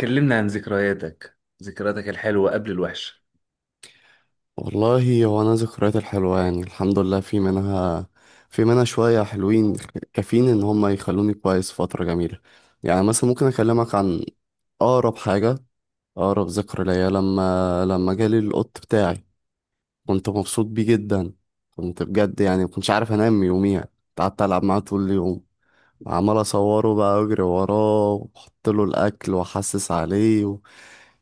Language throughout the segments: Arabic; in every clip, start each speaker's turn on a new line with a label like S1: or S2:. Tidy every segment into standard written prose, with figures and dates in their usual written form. S1: كلمنا عن ذكرياتك الحلوة قبل الوحشة.
S2: والله هو انا ذكريات الحلوه يعني الحمد لله في منها شويه حلوين. كافيين ان هم يخلوني كويس فتره جميله. يعني مثلا ممكن اكلمك عن اقرب حاجه، اقرب ذكرى ليا لما جالي القط بتاعي. كنت مبسوط بيه جدا، كنت بجد يعني مكنتش عارف انام يوميها. قعدت العب معاه طول اليوم، عمال اصوره بقى اجري وراه واحط له الاكل واحسس عليه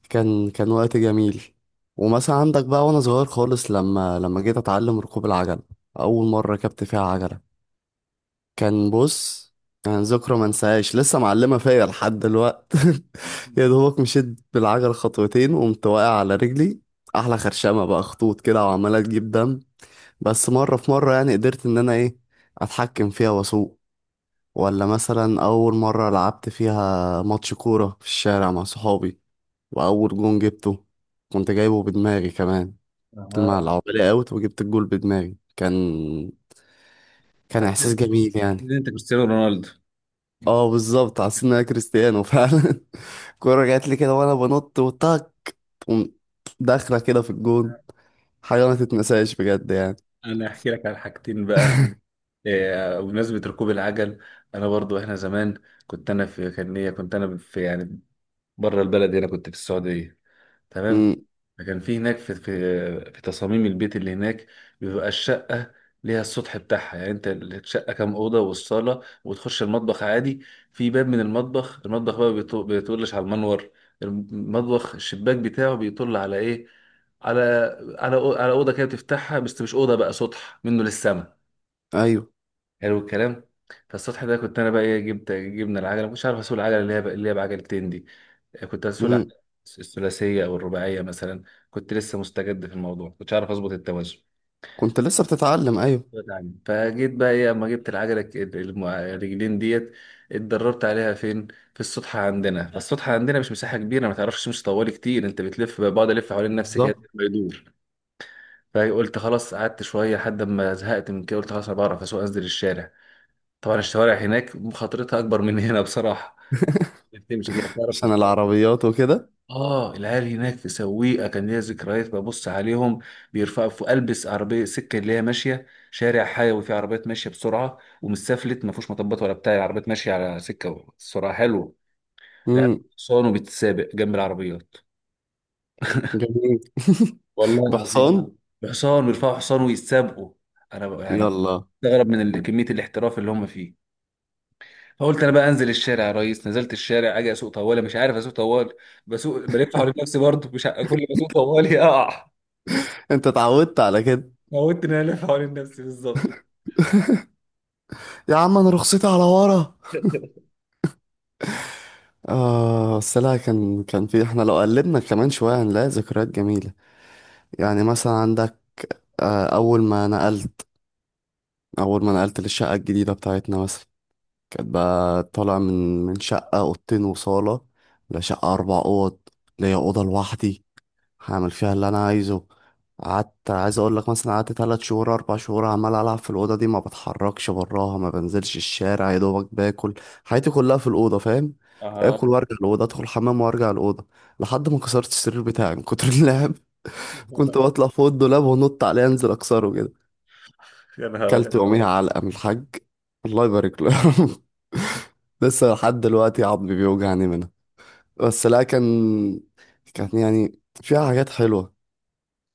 S2: كان وقت جميل. ومثلا عندك بقى وانا صغير خالص لما جيت اتعلم ركوب العجل، اول مره ركبت فيها عجله، كان بص كان ذكرى ما انساهاش، لسه معلمه فيا لحد دلوقت. يا دوبك مشيت بالعجل خطوتين وقمت واقع على رجلي، احلى خرشمه بقى، خطوط كده وعماله تجيب دم، بس مره في مره يعني قدرت ان انا ايه، اتحكم فيها واسوق. ولا مثلا أول مرة لعبت فيها ماتش كورة في الشارع مع صحابي وأول جون جبته كنت جايبه بدماغي كمان،
S1: أها.
S2: مع العبالي أوت وجبت الجول بدماغي. كان
S1: حتى
S2: إحساس جميل يعني.
S1: إن انت كريستيانو رونالدو.
S2: اه بالظبط، حسيت إن أنا كريستيانو فعلا. الكورة جات لي كده وأنا بنط وطاك، تقوم داخلة كده في الجون. حاجة ما تتنساش بجد يعني.
S1: انا احكي لك عن حاجتين بقى. إيه، بمناسبة ركوب العجل انا برضو، احنا زمان كنت انا في يعني بره البلد، هنا كنت في السعودية، تمام.
S2: امم.
S1: فكان في هناك في في تصاميم البيت اللي هناك بيبقى الشقة ليها السطح بتاعها. يعني انت الشقة كام أوضة والصالة، وتخش المطبخ عادي. في باب من المطبخ، المطبخ بقى بيطلش على المنور. المطبخ الشباك بتاعه بيطل على ايه، على، على أوضة كده بتفتحها، بس مش أوضة بقى، سطح منه للسما.
S2: ايوه.
S1: حلو الكلام. فالسطح ده كنت انا بقى ايه، جبنا العجله، مش عارف اسوق العجله اللي هي اللي هي بعجلتين دي. كنت هسوق الأح-
S2: امم.
S1: الثلاثية أو الرباعية مثلا. كنت لسه مستجد في الموضوع، كنتش عارف أظبط التوازن.
S2: كنت لسه بتتعلم، ايوه
S1: نعم. فجيت بقى إيه، أما جبت العجلة الرجلين ديت. اتدربت عليها فين؟ في السطحة عندنا. السطحة عندنا مش مساحة كبيرة، ما تعرفش تمشي طوالي كتير، أنت بتلف، بقعد ألف حوالين نفسي كده
S2: بالظبط،
S1: ما يدور. فقلت خلاص، قعدت شوية لحد ما زهقت من كده، قلت خلاص أنا بعرف أسوق، أنزل الشارع. طبعا الشوارع هناك مخاطرتها أكبر من هنا بصراحة. بتمشي كده تعرف.
S2: عشان العربيات وكده.
S1: اه، العيال هناك في سويقة كان ليا ذكريات ببص عليهم، بيرفعوا في البس عربية سكة اللي هي ماشية، شارع حيوي فيه عربيات ماشية بسرعة ومستفلت، ما فيهوش مطبات ولا بتاع، العربيات ماشية على سكة سرعة حلوة. العيال
S2: امم.
S1: حصان وبتتسابق جنب العربيات.
S2: جميل.
S1: والله العظيم.
S2: بحصان.
S1: بحصان، بيرفعوا حصان ويتسابقوا. انا بقى يعني
S2: يلا.
S1: بستغرب من كمية الاحتراف اللي هم فيه. فقلت انا بقى انزل الشارع يا ريس، نزلت الشارع اجي اسوق طوالي، مش عارف اسوق طوالي. بسوق بلف حوالين نفسي برضه، مش ع- كل ما اسوق طوالي اقع.
S2: انت اتعودت على كده.
S1: موتني انا الف حوالين نفسي بالظبط.
S2: يا عم انا رخصتي على ورا. اه بس لا، كان في احنا لو قلبنا كمان شويه هنلاقي ذكريات جميله. يعني مثلا عندك، آه اول ما نقلت اول ما نقلت للشقه الجديده بتاعتنا مثلا. كانت بقى طالع من شقه اوضتين وصاله لشقه اربع اوض، ليا اوضه لوحدي هعمل فيها اللي انا عايزه. قعدت عايز اقول لك مثلا، قعدت تلات شهور اربع شهور عمال العب في الاوضه دي، ما بتحركش براها، ما بنزلش الشارع، يا دوبك باكل. حياتي كلها في الاوضه، فاهم.
S1: اه.
S2: اكل وارجع الاوضه، ادخل الحمام وارجع الاوضه، لحد ما كسرت السرير بتاعي من كتر اللعب. كنت بطلع فوق الدولاب ونط عليه انزل اكسره كده.
S1: يا نهار ابيض.
S2: كلت يوميها علقه من الحاج، الله يبارك له. لسه لحد دلوقتي عظمي بيوجعني منها. بس لا، كان يعني فيها حاجات حلوه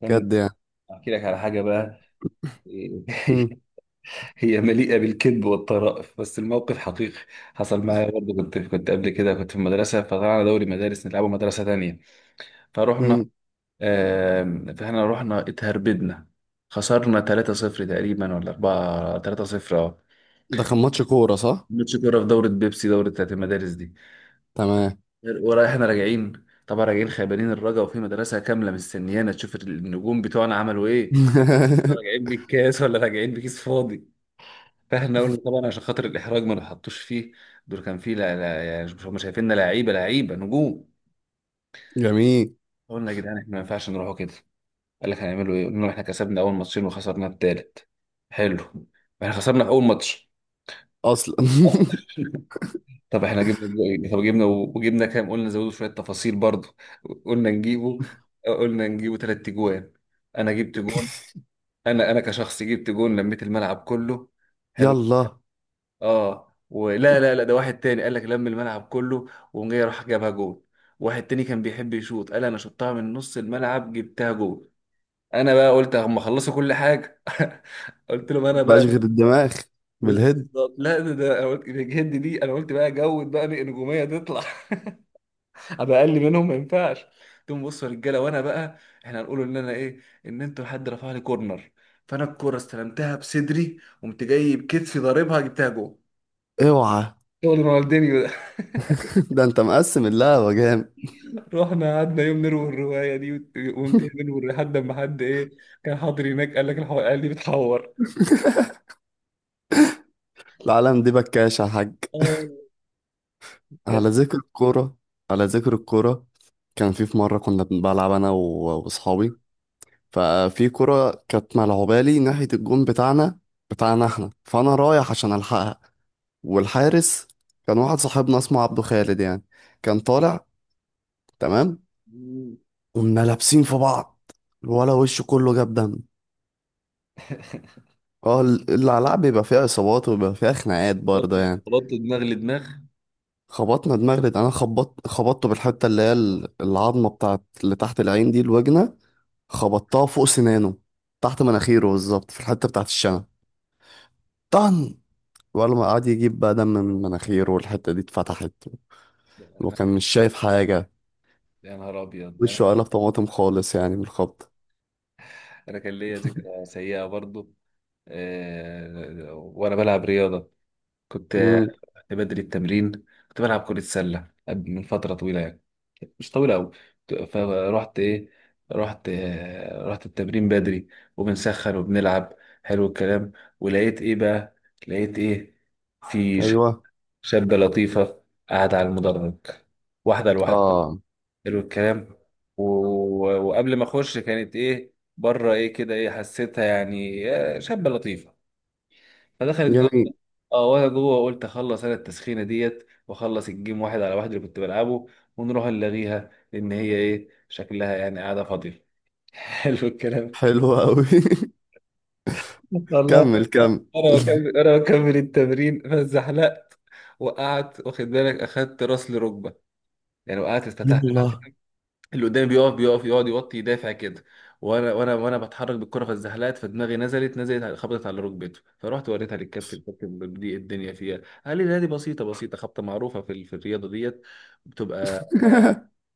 S1: كان
S2: بجد يعني.
S1: احكي لك على حاجه بقى.
S2: مم.
S1: هي مليئه بالكذب والطرائف بس الموقف حقيقي. حصل معايا برضه، كنت قبل كده كنت في المدرسه، فطلعنا دوري مدارس نلعبه مدرسه تانية فروحنا.
S2: مم.
S1: آم، فاحنا رحنا اتهربدنا، خسرنا 3-0 تقريبا، ولا 4 3-0، اه.
S2: ده كان ماتش كورة صح؟
S1: ماتش كوره في دوره بيبسي، دوره بتاعت المدارس دي.
S2: تمام.
S1: ورايحنا راجعين، طبعا راجعين خيبانين الرجا، وفي مدرسة كاملة مستنيانا تشوف النجوم بتوعنا عملوا ايه. راجعين بالكاس ولا راجعين بكيس فاضي. فاحنا قلنا طبعا عشان خاطر الإحراج ما نحطوش فيه. دول كان فيه، لا لا، يعني مش هم شايفيننا لعيبة، لعيبة نجوم.
S2: جميل.
S1: قلنا يا جدعان احنا ما ينفعش نروحوا كده. قال لك هنعملوا ايه، قلنا لهم احنا كسبنا أول ماتشين وخسرنا التالت. حلو. احنا خسرنا أول ماتش.
S2: اصلا.
S1: طب احنا جبنا بقى- طب جبنا وجبنا كام، قلنا زودوا شويه تفاصيل برضه. قلنا نجيبه، قلنا نجيبه ثلاث تجوان. انا جبت جون. انا كشخص جبت جون لميت الملعب كله. حلو.
S2: يلا.
S1: اه، ولا لا لا، ده واحد تاني قال لك لم الملعب كله. وقام جاي راح جابها جون. واحد تاني كان بيحب يشوط قال انا شطها من نص الملعب جبتها جون. انا بقى قلت اما خلصوا كل حاجه قلت لهم انا
S2: مبقاش
S1: بقى
S2: غير الدماغ. بالهد.
S1: بالظبط. لا ده ده انا قلت الهند دي، انا قلت بقى جود بقى نجوميه تطلع. ابقى اقل منهم ما ينفعش. تقوم بص يا رجاله، وانا بقى احنا هنقول ان انا ايه، ان انتوا حد رفع لي كورنر، فانا الكوره استلمتها بصدري قمت جاي بكتفي ضاربها جبتها جول.
S2: اوعى.
S1: شغل رونالدينيو ده.
S2: ده انت مقسم اللعبة جامد.
S1: رحنا قعدنا يوم نروي الروايه دي وقمت نروي لحد ما حد ايه كان حاضر هناك قال لك الحو... قال لي بتحور.
S2: العالم دي بكاشة يا حاج.
S1: آه، كانت.
S2: على ذكر الكورة، على ذكر الكورة كان في مرة كنا بنلعب أنا و- وأصحابي، ففي كرة كانت ملعوبة لي ناحية الجون بتاعنا احنا، فأنا رايح عشان ألحقها، والحارس كان واحد صاحبنا اسمه عبده خالد يعني، كان طالع. تمام.
S1: مم.
S2: قمنا لابسين في بعض، الولا وشه كله جاب دم. اه العلاقة بيبقى فيها إصابات وبيبقى فيها خناقات
S1: بط،
S2: برضه يعني.
S1: بط دماغ لدماغ.
S2: خبطنا دماغ، ده أنا خبطت خبطته بالحتة اللي هي العظمة بتاعت اللي تحت العين دي، الوجنة، خبطتها فوق سنانه، تحت مناخيره بالظبط في الحتة بتاعت الشنب، طن. ولا ما قعد يجيب بقى دم من مناخيره، والحتة دي اتفتحت،
S1: أنا-.
S2: وكان مش شايف حاجة،
S1: يا نهار ابيض. انا
S2: وشه قلب طماطم خالص يعني من الخبط.
S1: انا كان ليا ذكرى سيئه برضو. آه، وانا بلعب رياضه، كنت
S2: مم.
S1: كنت بدري التمرين. كنت بلعب كرة سلة، من فترة طويلة يعني، مش طويلة أوي. فرحت إيه، رحت آه، رحت التمرين بدري، وبنسخن وبنلعب. حلو الكلام. ولقيت إيه بقى، لقيت إيه، في ش-
S2: أيوه.
S1: شابة لطيفة قاعدة على المدرج، واحدة لواحدة.
S2: اه.
S1: حلو الكلام. و... وقبل ما أخش كانت إيه بره إيه كده إيه حسيتها يعني، آه، شابة لطيفة، فدخلت جوه.
S2: جميل.
S1: اه، وانا جوه قلت اخلص انا التسخينه ديت واخلص الجيم واحد على واحد اللي كنت بلعبه، ونروح نلاغيها لان هي ايه شكلها يعني قاعده فاضيه. حلو الكلام.
S2: حلو أوي.
S1: والله.
S2: كمل كمل.
S1: انا بكمل التمرين، فزحلقت، وقعت، واخد بالك، اخدت راس لركبه يعني، وقعت اتفتحت.
S2: يلا.
S1: اللي قدامي بيقف، يقعد يوطي يدافع كده، وانا بتحرك بالكره فاتزحلقت، فدماغي خبطت على ركبته. فرحت وريتها للكابتن، الكابتن دي الدنيا فيها. قال لي لا دي بسيطه، بسيطه، خبطه معروفه في الرياضه ديت، بتبقى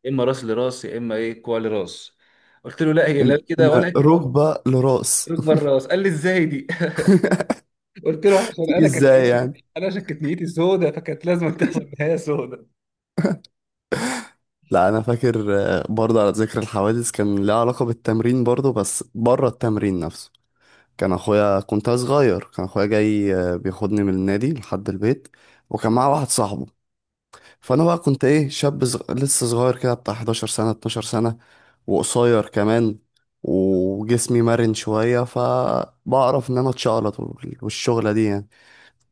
S1: اما راس لراس، يا اما ايه كوع لراس. قلت له لا هي لا
S2: إن
S1: كده ولا كده،
S2: ركبة لراس،
S1: ركبه الراس. قال لي ازاي دي؟ قلت له عشان
S2: تيجي
S1: انا كانت
S2: ازاي
S1: نيتي،
S2: يعني؟
S1: عشان كانت نيتي سودة فكانت لازم تحصل نهايه سودة.
S2: لا انا فاكر، برضه على ذكر الحوادث كان لها علاقة بالتمرين برضه بس بره التمرين نفسه. كان اخويا، كنت أنا صغير، كان اخويا جاي بياخدني من النادي لحد البيت، وكان معاه واحد صاحبه. فانا
S1: حلو.
S2: بقى كنت ايه، شاب لسه صغير كده بتاع 11 سنة 12 سنة، وقصير كمان، وجسمي مرن شوية فبعرف ان انا اتشقلط والشغلة دي يعني.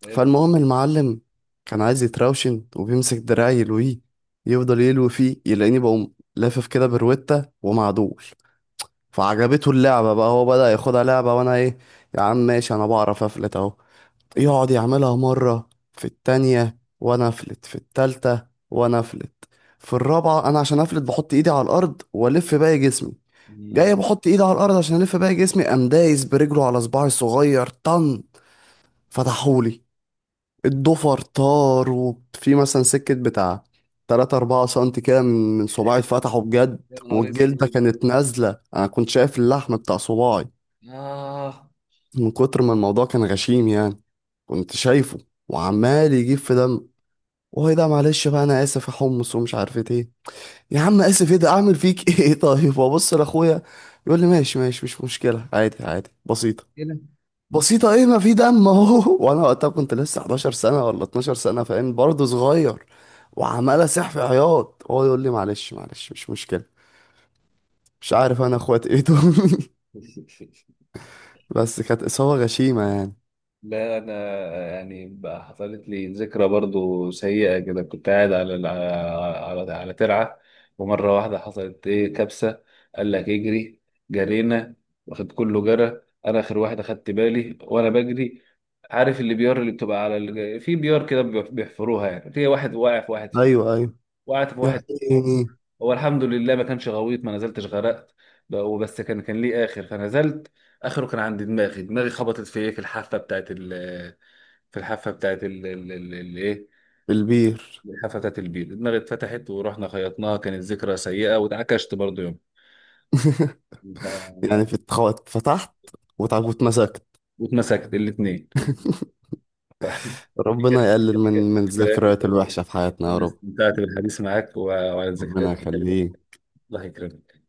S1: حلو.
S2: فالمهم المعلم كان عايز يتراوشن وبيمسك دراعي يلويه، يفضل يلوي فيه يلاقيني بقوم لافف كده بروتة ومعدول، فعجبته اللعبة بقى، هو بدأ ياخدها لعبة وانا ايه، يا عم ماشي انا بعرف افلت اهو. يقعد يعملها مرة، في التانية وانا افلت، في التالتة وانا افلت، في الرابعة انا عشان افلت بحط ايدي على الارض والف باقي جسمي.
S1: يا
S2: جاي بحط ايدي على الارض عشان الف باقي جسمي، قام دايس برجله على صباعي الصغير، طن. فتحولي الضفر طار، وفي مثلا سكة بتاع تلاتة أربعة سنتي كده من صباعي اتفتحوا بجد،
S1: نهار
S2: والجلدة
S1: اسود.
S2: كانت نازلة، أنا كنت شايف اللحم بتاع صباعي
S1: اه.
S2: من كتر ما الموضوع كان غشيم يعني. كنت شايفه، وعمال يجيب في دم، وهي ده معلش بقى أنا آسف يا حمص ومش عارف إيه. يا عم آسف؟ إيه ده أعمل فيك؟ إيه طيب. وأبص لأخويا يقول لي ماشي ماشي، مش مشكلة، عادي عادي، بسيطة
S1: هنا.
S2: بسيطة. ايه ما في دم اهو. وانا وقتها كنت لسه 11 سنة ولا 12 سنة، فاهم، برضه صغير، وعمال اسح في عياط، هو يقول لي معلش معلش مش مشكلة. مش عارف انا اخوات ايه دول. بس كانت اصابة غشيمة يعني.
S1: لا انا يعني بقى حصلت لي ذكرى برضو سيئه كده، كنت قاعد على على ترعه، ومره واحده حصلت ايه كبسه. قال لك اجري، جرينا، واخد كله جرى، انا اخر واحد اخدت بالي وانا بجري. عارف اللي بيار، اللي بتبقى على ال... في بيار كده بيحفروها يعني، في واحد واقع في واحد فيه.
S2: ايوه ايوه.
S1: وقعت في واحد فيهم.
S2: يعني
S1: هو الحمد لله ما كانش غويط ما نزلتش غرقت. وبس كان كان ليه اخر فنزلت، اخره كان عند دماغي. دماغي خبطت في ايه، في الحافه بتاعت ال، في الحافه بتاعت ايه،
S2: في البير.
S1: الحافه بتاعت البير، دماغي اتفتحت، ورحنا خيطناها. كانت ذكرى سيئه، واتعكشت برضه يوم. ف-
S2: يعني في اتفتحت واتمسكت.
S1: واتمسكت الاثنين. دي
S2: ربنا
S1: كانت،
S2: يقلل
S1: دي
S2: من
S1: كانت من
S2: من
S1: ذكريات.
S2: الذكريات الوحشة في حياتنا يا رب.
S1: استمتعت بالحديث معاك، وعلى
S2: ربنا
S1: الذكريات الحلوة.
S2: يخليه.
S1: الله يكرمك.